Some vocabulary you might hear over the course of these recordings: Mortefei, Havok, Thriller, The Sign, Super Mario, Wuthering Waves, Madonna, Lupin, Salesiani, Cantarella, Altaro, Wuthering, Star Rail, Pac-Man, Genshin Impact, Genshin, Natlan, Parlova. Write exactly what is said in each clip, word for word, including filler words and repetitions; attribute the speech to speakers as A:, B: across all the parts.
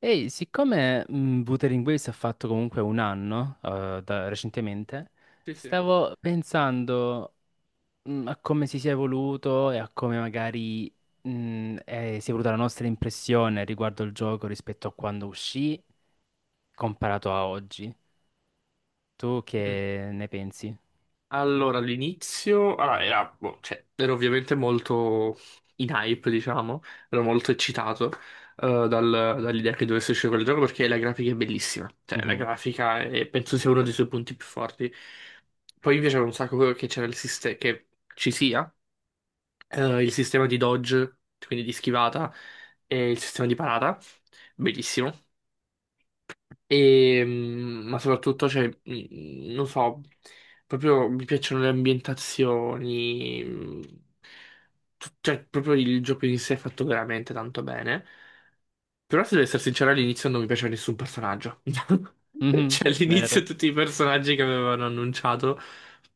A: Ehi, siccome mh, Wuthering Waves ha fatto comunque un anno eh, da- recentemente,
B: Sì, sì.
A: stavo pensando mh, a come si sia evoluto e a come magari mh, eh, si è evoluta la nostra impressione riguardo il gioco rispetto a quando uscì comparato a oggi. Tu
B: Mm.
A: che ne pensi?
B: Allora, all'inizio, allora, era, boh, cioè, ero ovviamente molto in hype, diciamo, ero molto eccitato, eh, dal- dall'idea che dovesse uscire quel gioco perché la grafica è bellissima, cioè la
A: Mhm.
B: grafica è- penso sia uno dei suoi punti più forti. Poi mi piaceva un sacco che c'era il sistema, che ci sia eh, il sistema di dodge, quindi di schivata, e il sistema di parata, bellissimo. E, mm, ma soprattutto, cioè, mm, non so, proprio mi piacciono le ambientazioni, mm, tu- cioè, proprio il gioco in sé è fatto veramente tanto bene. Però, se devo essere sincero, all'inizio non mi piaceva nessun personaggio.
A: Mhm.
B: Cioè,
A: Vero?
B: all'inizio tutti i personaggi che avevano annunciato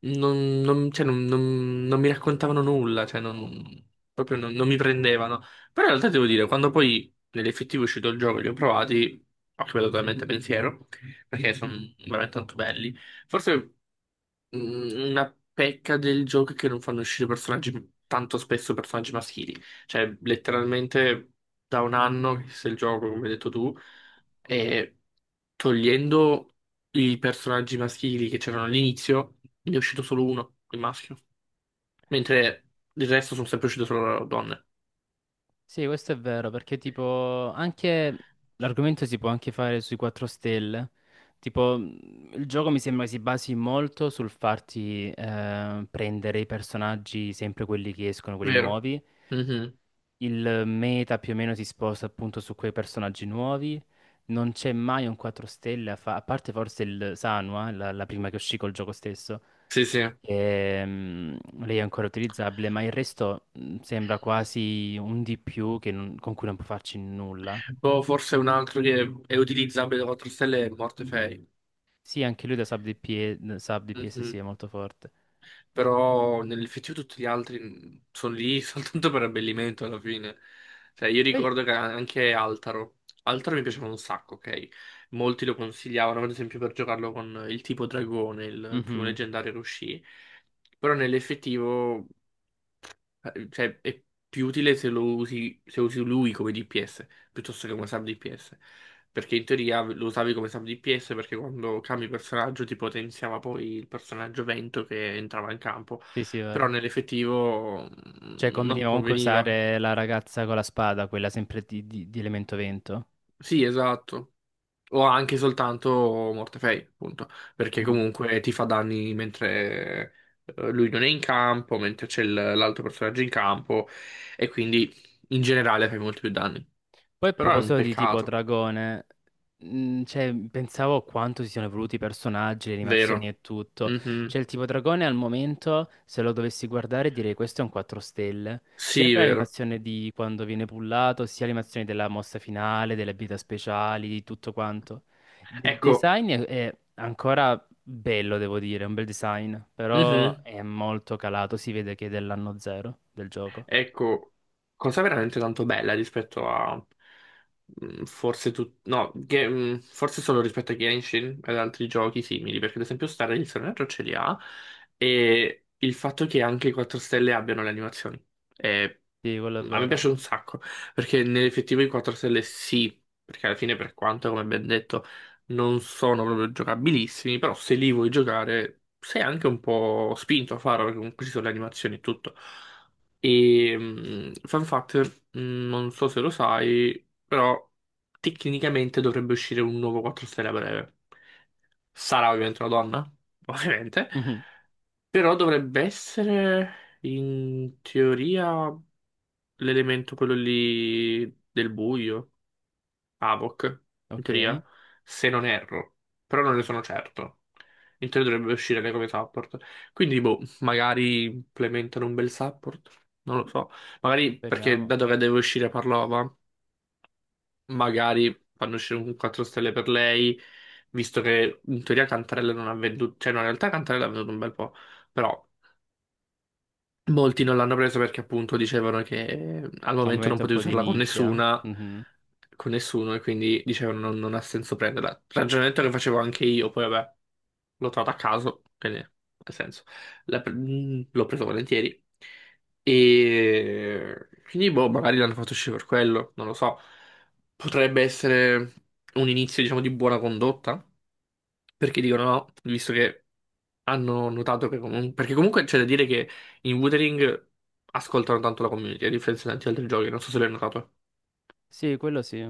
B: non, non- cioè, non- non- non mi raccontavano nulla, cioè, non- proprio non non mi prendevano. Però in realtà devo dire, quando poi nell'effettivo è uscito il gioco e li ho provati, ho cambiato totalmente pensiero perché sono veramente tanto belli. Forse, mm, una pecca del gioco è che non fanno uscire personaggi tanto spesso, personaggi maschili. Cioè, letteralmente da un anno che se il gioco, come hai detto tu, e togliendo i personaggi maschili che c'erano all'inizio, ne è uscito solo uno, il maschio. Mentre il resto sono sempre uscite solo donne.
A: Sì, questo è vero, perché tipo anche l'argomento si può anche fare sui quattro stelle. Tipo, mh, il gioco mi sembra si basi molto sul farti eh, prendere i personaggi, sempre quelli che escono, quelli
B: Vero?
A: nuovi.
B: Mhm.
A: Il meta più o meno si sposta appunto su quei personaggi nuovi. Non c'è mai un quattro stelle, a, fa- a parte forse il Sanwa, la, la prima che uscì col gioco stesso.
B: Sì, sì.
A: Ehm, lei è ancora utilizzabile, ma il resto mh, sembra quasi un di più che non- con cui non può farci nulla.
B: Boh, forse un altro che è utilizzabile da quattro stelle è Mortefei.
A: Sì, anche lui da sub D P S, sub D P S sì, è
B: Mhm.
A: molto forte.
B: Però nell'effettivo tutti gli altri sono lì soltanto per abbellimento alla fine. Cioè, io
A: Poi-
B: ricordo che anche Altaro. Altaro mi piaceva un sacco, ok? Molti lo consigliavano, ad esempio, per giocarlo con il tipo dragone, il il primo
A: Mhm.
B: leggendario che uscì. Però nell'effettivo. Eh, Cioè, è più utile se lo usi, se usi lui come D P S piuttosto che come sub D P S. Perché in teoria lo usavi come sub D P S perché quando cambi personaggio ti potenziava poi il personaggio vento che entrava in campo.
A: Sì, sì, è
B: Però
A: vero.
B: nell'effettivo,
A: Cioè,
B: mm,
A: conveniva
B: non
A: comunque
B: conveniva.
A: usare la ragazza con la spada, quella sempre di, di- di elemento vento.
B: Sì, esatto. O anche soltanto Mortefei, appunto. Perché
A: Mm.
B: comunque ti fa danni mentre, eh, lui non è in campo, mentre c'è il- l'altro personaggio in campo. E quindi in generale fai molti più danni.
A: Poi a
B: Però è un
A: proposito di tipo
B: peccato,
A: dragone, mh, cioè, pensavo a quanto si siano evoluti i personaggi, le animazioni
B: vero?
A: e tutto. Cioè,
B: Mhm.
A: il tipo dragone al momento, se lo dovessi guardare, direi questo è un quattro stelle. Sia
B: Sì,
A: per
B: vero.
A: l'animazione di quando viene pullato, sia l'animazione della mossa finale, delle abilità speciali, di tutto quanto. Il
B: Ecco.
A: design è, è ancora bello, devo dire, è un bel design, però
B: Mhm.
A: è molto calato, si vede che è dell'anno zero del gioco.
B: Ecco, cosa veramente tanto bella rispetto a, mm, forse tu, no, che- mm, forse solo rispetto a Genshin ed altri giochi simili, perché ad esempio Star il personaggio ce li ha, e il fatto che anche i quattro stelle abbiano le animazioni è-
A: Sì, quello è
B: a me
A: vero.
B: piace un sacco, perché nell'effettivo i quattro stelle sì, perché alla fine, per quanto, come ben detto, non sono proprio giocabilissimi, però se li vuoi giocare sei anche un po' spinto a farlo, perché comunque ci sono le animazioni e tutto. E mh, fun fact, mh, non so se lo sai, però tecnicamente dovrebbe uscire un nuovo quattro stelle a breve. Sarà ovviamente una donna, ovviamente,
A: Mhm.
B: però dovrebbe essere in teoria l'elemento quello lì del buio. Havok, in
A: Ok,
B: teoria, se non erro, però non ne sono certo. In teoria dovrebbe uscire anche come support. Quindi, boh, magari implementano un bel support, non lo so. Magari perché,
A: speriamo.
B: dato che deve uscire Parlova, magari fanno uscire un quattro stelle per lei, visto che in teoria Cantarella non ha venduto, cioè no, in realtà Cantarella ha venduto un bel po'. Però molti non l'hanno presa perché appunto dicevano che, eh, al
A: Al
B: momento non
A: momento è un
B: potevi
A: po' di
B: usarla con
A: nicchia.
B: nessuna,
A: Mhm.
B: con nessuno e quindi dicevano non, non ha senso prenderla. Ragionamento che facevo anche io, poi vabbè, l'ho trovata a caso, quindi ha senso. La pre- mm, L'ho preso volentieri. E quindi boh, magari l'hanno fatto uscire per quello, non lo so. Potrebbe essere un inizio, diciamo, di buona condotta, perché dicono no, visto che hanno notato che comunque. Perché comunque c'è da dire che. In Wuthering ascoltano tanto la community, a differenza di tanti altri giochi, non so se l'hai notato.
A: Sì, quello sì.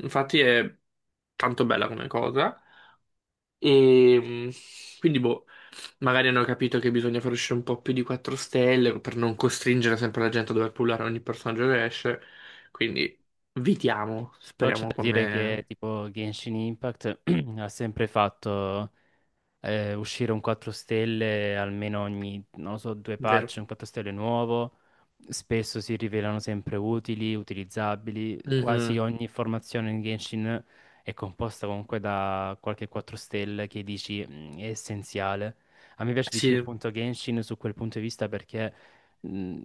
B: Infatti è tanto bella come cosa. E mh, quindi, boh, magari hanno capito che bisogna far uscire un po' più di quattro stelle per non costringere sempre la gente a dover pullare ogni personaggio che esce. Quindi, vitiamo,
A: Però c'è
B: speriamo
A: da dire che
B: come
A: tipo Genshin Impact ha sempre fatto eh, uscire un quattro stelle almeno ogni, non lo so, due
B: vero.
A: patch, un quattro stelle nuovo. Spesso si rivelano sempre utili, utilizzabili. Quasi
B: Mhm.
A: ogni formazione in Genshin è composta comunque da qualche quattro stelle che dici "Mm, è essenziale." A me piace di più
B: Sì,
A: appunto Genshin su quel punto di vista perché mh,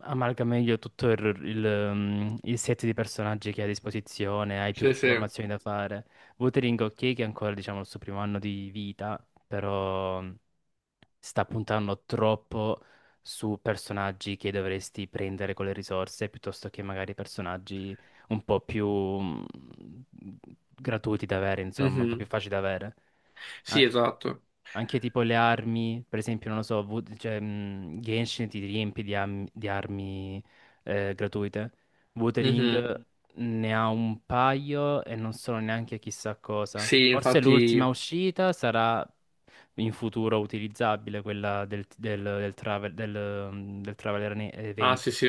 A: amalga meglio tutto il, il, mm, il set di personaggi che hai a disposizione, hai più
B: sì, sì.
A: formazioni da fare. Wuthering ok che è ancora diciamo il suo primo anno di vita, però mhmm, sta puntando troppo su personaggi che dovresti prendere con le risorse piuttosto che magari personaggi un po' più mm, gratuiti da avere, insomma, un po' più
B: Mhm.
A: facili da avere.
B: Sì,
A: A-
B: esatto.
A: Anche tipo le armi, per esempio, non lo so, Wo- cioè, mm, Genshin ti riempie di, am- di armi eh, gratuite.
B: Mhm.
A: Wuthering ne ha un paio e non sono neanche chissà cosa.
B: Sì,
A: Forse
B: infatti.
A: l'ultima uscita sarà in futuro utilizzabile, quella del, del, del, travel, del, mm, del Traveler ne-
B: Ah, sì,
A: evento.
B: sì.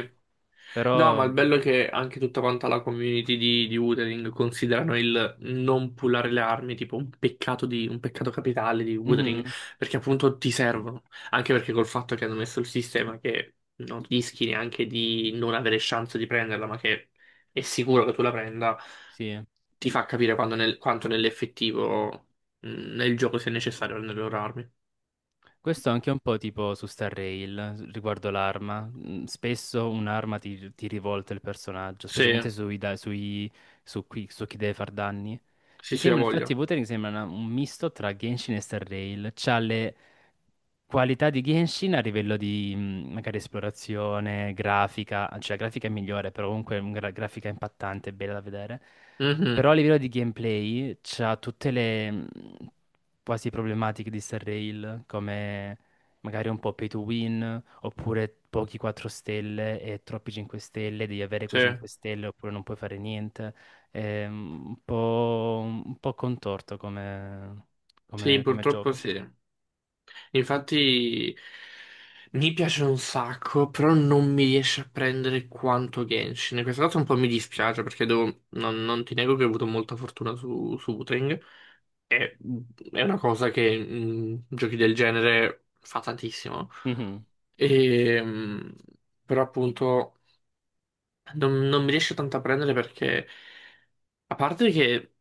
B: No, ma
A: Però,
B: il bello è che anche tutta quanta la community di, di Wuthering considerano il non pullare le armi tipo un peccato, di, un peccato capitale di Wuthering,
A: Mhm,
B: perché appunto ti servono, anche perché col fatto che hanno messo il sistema che non rischi neanche di non avere chance di prenderla, ma che è sicuro che tu la prenda,
A: sì.
B: ti fa capire quando, nel- quanto nell'effettivo, mh, nel gioco sia necessario prendere le loro armi.
A: Questo è anche un po' tipo su Star Rail riguardo l'arma. Mm, Spesso un'arma ti, ti rivolta il personaggio,
B: Sì,
A: specialmente sui, da- sui- su, qui- su chi deve far danni. Mi
B: sì, sì, ha
A: sembra, infatti,
B: voglia.
A: Wuthering sembra una- un misto tra Genshin e Star Rail. C'ha le qualità di Genshin a livello di mm, magari esplorazione, grafica, cioè la grafica è migliore, però comunque è una grafica impattante, bella da vedere. Però a
B: Mhm.
A: livello di gameplay c'ha tutte le mm, quasi problematiche di Star Rail, come magari un po' pay to win, oppure pochi quattro stelle e troppi cinque stelle, devi avere quei
B: Sì,
A: cinque stelle oppure non puoi fare niente. È un po', un po' contorto come,
B: sì,
A: come- come
B: purtroppo
A: gioco.
B: sì. Infatti mi piace un sacco, però non mi riesce a prendere quanto Genshin. E questa cosa un po' mi dispiace, perché devo- non, non ti nego che ho avuto molta fortuna su, su Wuthering. E, è una cosa che in giochi del genere fa tantissimo.
A: Mhm,
B: E, mh, però appunto non, non mi riesce tanto a prendere, perché, a parte che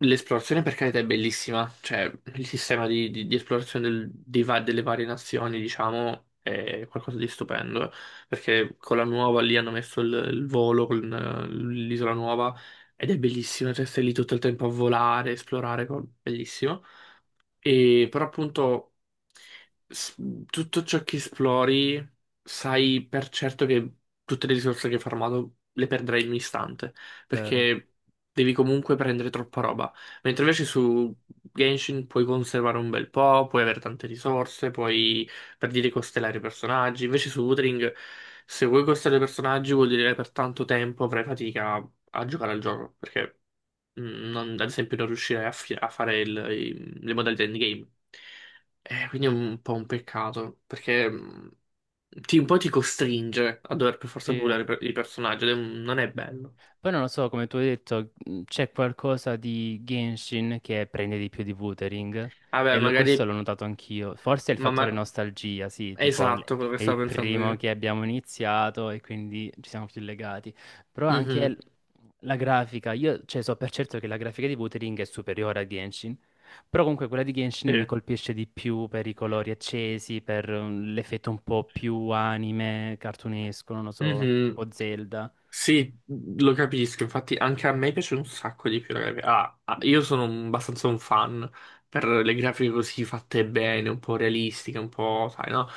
B: l'esplorazione per carità è bellissima, cioè il sistema di, di- di esplorazione del- dei va- delle varie nazioni, diciamo, è qualcosa di stupendo, perché con la nuova lì hanno messo il, il volo con, eh, l'isola nuova ed è bellissima, cioè stai lì tutto il tempo a volare, esplorare, co- bellissimo. E però appunto s- tutto ciò che esplori, sai per certo che tutte le risorse che hai farmato le perderai in un istante,
A: vero.
B: perché devi comunque prendere troppa roba. Mentre invece su Genshin puoi conservare un bel po', puoi avere tante risorse, puoi per dire costellare i personaggi. Invece su Wuthering, se vuoi costellare i personaggi vuol dire che per tanto tempo avrai fatica a giocare al gioco, perché, Mm, non- ad esempio non riuscirei a, fi- a fare il- i- le modalità endgame. Eh, quindi è un po' un peccato, perché, mm, ti, un po' ti costringe a dover per forza
A: Sì,
B: pulire, per- i personaggi, ed è, un- non è bello.
A: poi non lo so, come tu hai detto, mh, c'è qualcosa di Genshin che prende di più di Wuthering
B: Vabbè,
A: e lo- questo
B: magari.
A: l'ho notato anch'io. Forse è il
B: Ma,
A: fattore
B: ma-
A: nostalgia, sì,
B: è
A: tipo l-
B: esatto quello che
A: è il
B: stavo pensando
A: primo
B: io.
A: che abbiamo iniziato e quindi ci siamo più legati. Però anche
B: Mhm,
A: l- la grafica, io cioè, so per certo che la grafica di Wuthering è superiore a Genshin, però comunque quella di Genshin
B: sì.
A: mi colpisce di più per i colori accesi, per mm, l'effetto un po' più anime, cartunesco, non lo so,
B: Mhm.
A: tipo Zelda.
B: Sì, lo capisco, infatti anche a me piace un sacco di più la grafica. Ah, ah, io sono, un- abbastanza un fan per le grafiche così fatte bene, un po' realistiche, un po', sai, no?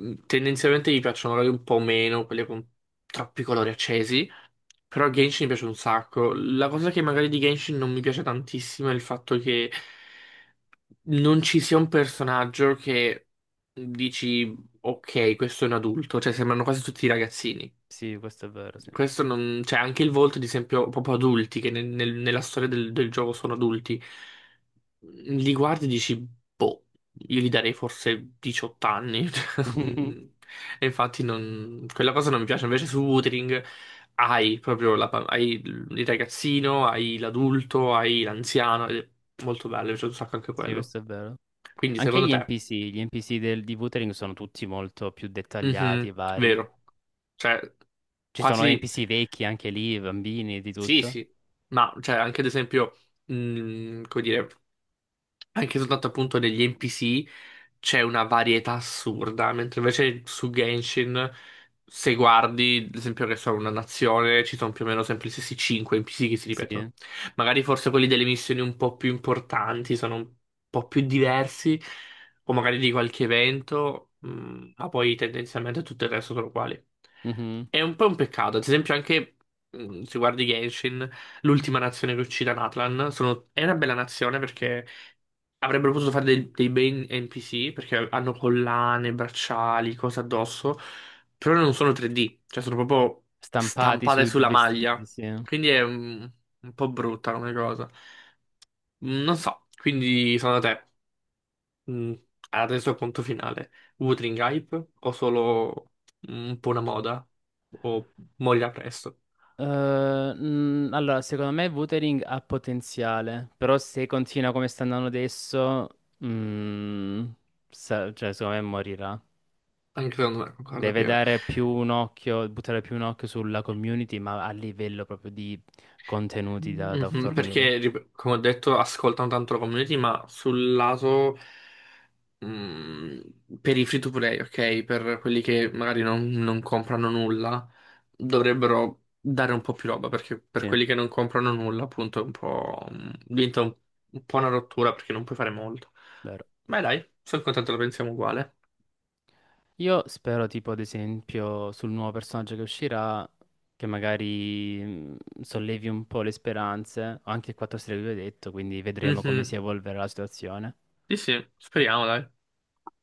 B: Mm, Tendenzialmente mi piacciono magari un po' meno quelle con troppi colori accesi, però Genshin mi piace un sacco. La cosa che magari di Genshin non mi piace tantissimo è il fatto che non ci sia un personaggio che dici, ok, questo è un adulto, cioè sembrano quasi tutti ragazzini.
A: Sì, questo è vero, sì.
B: Questo non. Cioè, anche il volto, ad esempio, proprio adulti, che nel- nel- nella storia del, del gioco sono adulti, mm, li guardi e dici, boh, io gli darei forse diciotto anni. E infatti non. Quella cosa non mi piace. Invece su Wuthering hai proprio la pa- hai il ragazzino, hai l'adulto, hai l'anziano, ed è molto bello, mi piace un sacco anche
A: Sì,
B: quello.
A: questo è vero.
B: Quindi,
A: Anche
B: secondo
A: gli
B: te,
A: N P C, gli N P C del- di Wuthering sono tutti molto più dettagliati e
B: mhm,
A: vari.
B: vero, cioè,
A: Ci sono
B: quasi.
A: N P C vecchi anche lì, bambini, di
B: Sì,
A: tutto.
B: sì, ma cioè anche ad esempio, mh, come dire, anche soltanto appunto degli N P C c'è una varietà assurda, mentre invece su Genshin, se guardi, ad esempio, che sono una nazione, ci sono più o meno sempre gli stessi cinque N P C che si
A: Sì.
B: ripetono. Magari forse quelli delle missioni un po' più importanti sono un po' più diversi, o magari di qualche evento, mh, ma poi tendenzialmente tutto il resto sono uguali.
A: Mhm.
B: È un po' un peccato, ad esempio anche, mh, se guardi Genshin, l'ultima nazione che uccide Natlan, sono. È una bella nazione perché avrebbero potuto fare dei, dei bei N P C, perché hanno collane, bracciali, cose addosso, però non sono tre D, cioè sono proprio
A: Stampati
B: stampate
A: sui
B: sulla
A: vestiti,
B: maglia.
A: sì. Eh,
B: Quindi è un, un po' brutta come cosa. Mm, Non so, quindi secondo te, mm, adesso conto finale, Wuthering Hype o solo un po' una moda o moglia presto?
A: mm, allora, secondo me Wuthering ha potenziale, però se continua come sta andando adesso, mm, sa- cioè, secondo me morirà.
B: Anche secondo me, concordo
A: Deve
B: Piero.
A: dare più un occhio, buttare più un occhio sulla community, ma a livello proprio di contenuti da, da
B: Mhm,
A: fornire.
B: perché, rip- come ho detto, ascoltano tanto la community, ma sul lato, mm, per i free to play, ok? Per quelli che magari non, non comprano nulla, dovrebbero dare un po' più roba, perché per
A: Sì,
B: quelli che non comprano nulla, appunto, è un po'. Mm, diventa un, un po' una rottura perché non puoi fare molto.
A: vero.
B: Ma dai, sono contento, lo pensiamo uguale.
A: Io spero, tipo, ad esempio, sul nuovo personaggio che uscirà, che magari mh, sollevi un po' le speranze. Ho anche il quattro stelle che vi ho detto, quindi vedremo come si
B: Mhm.
A: evolverà la situazione.
B: Sì, sì, speriamo, dai.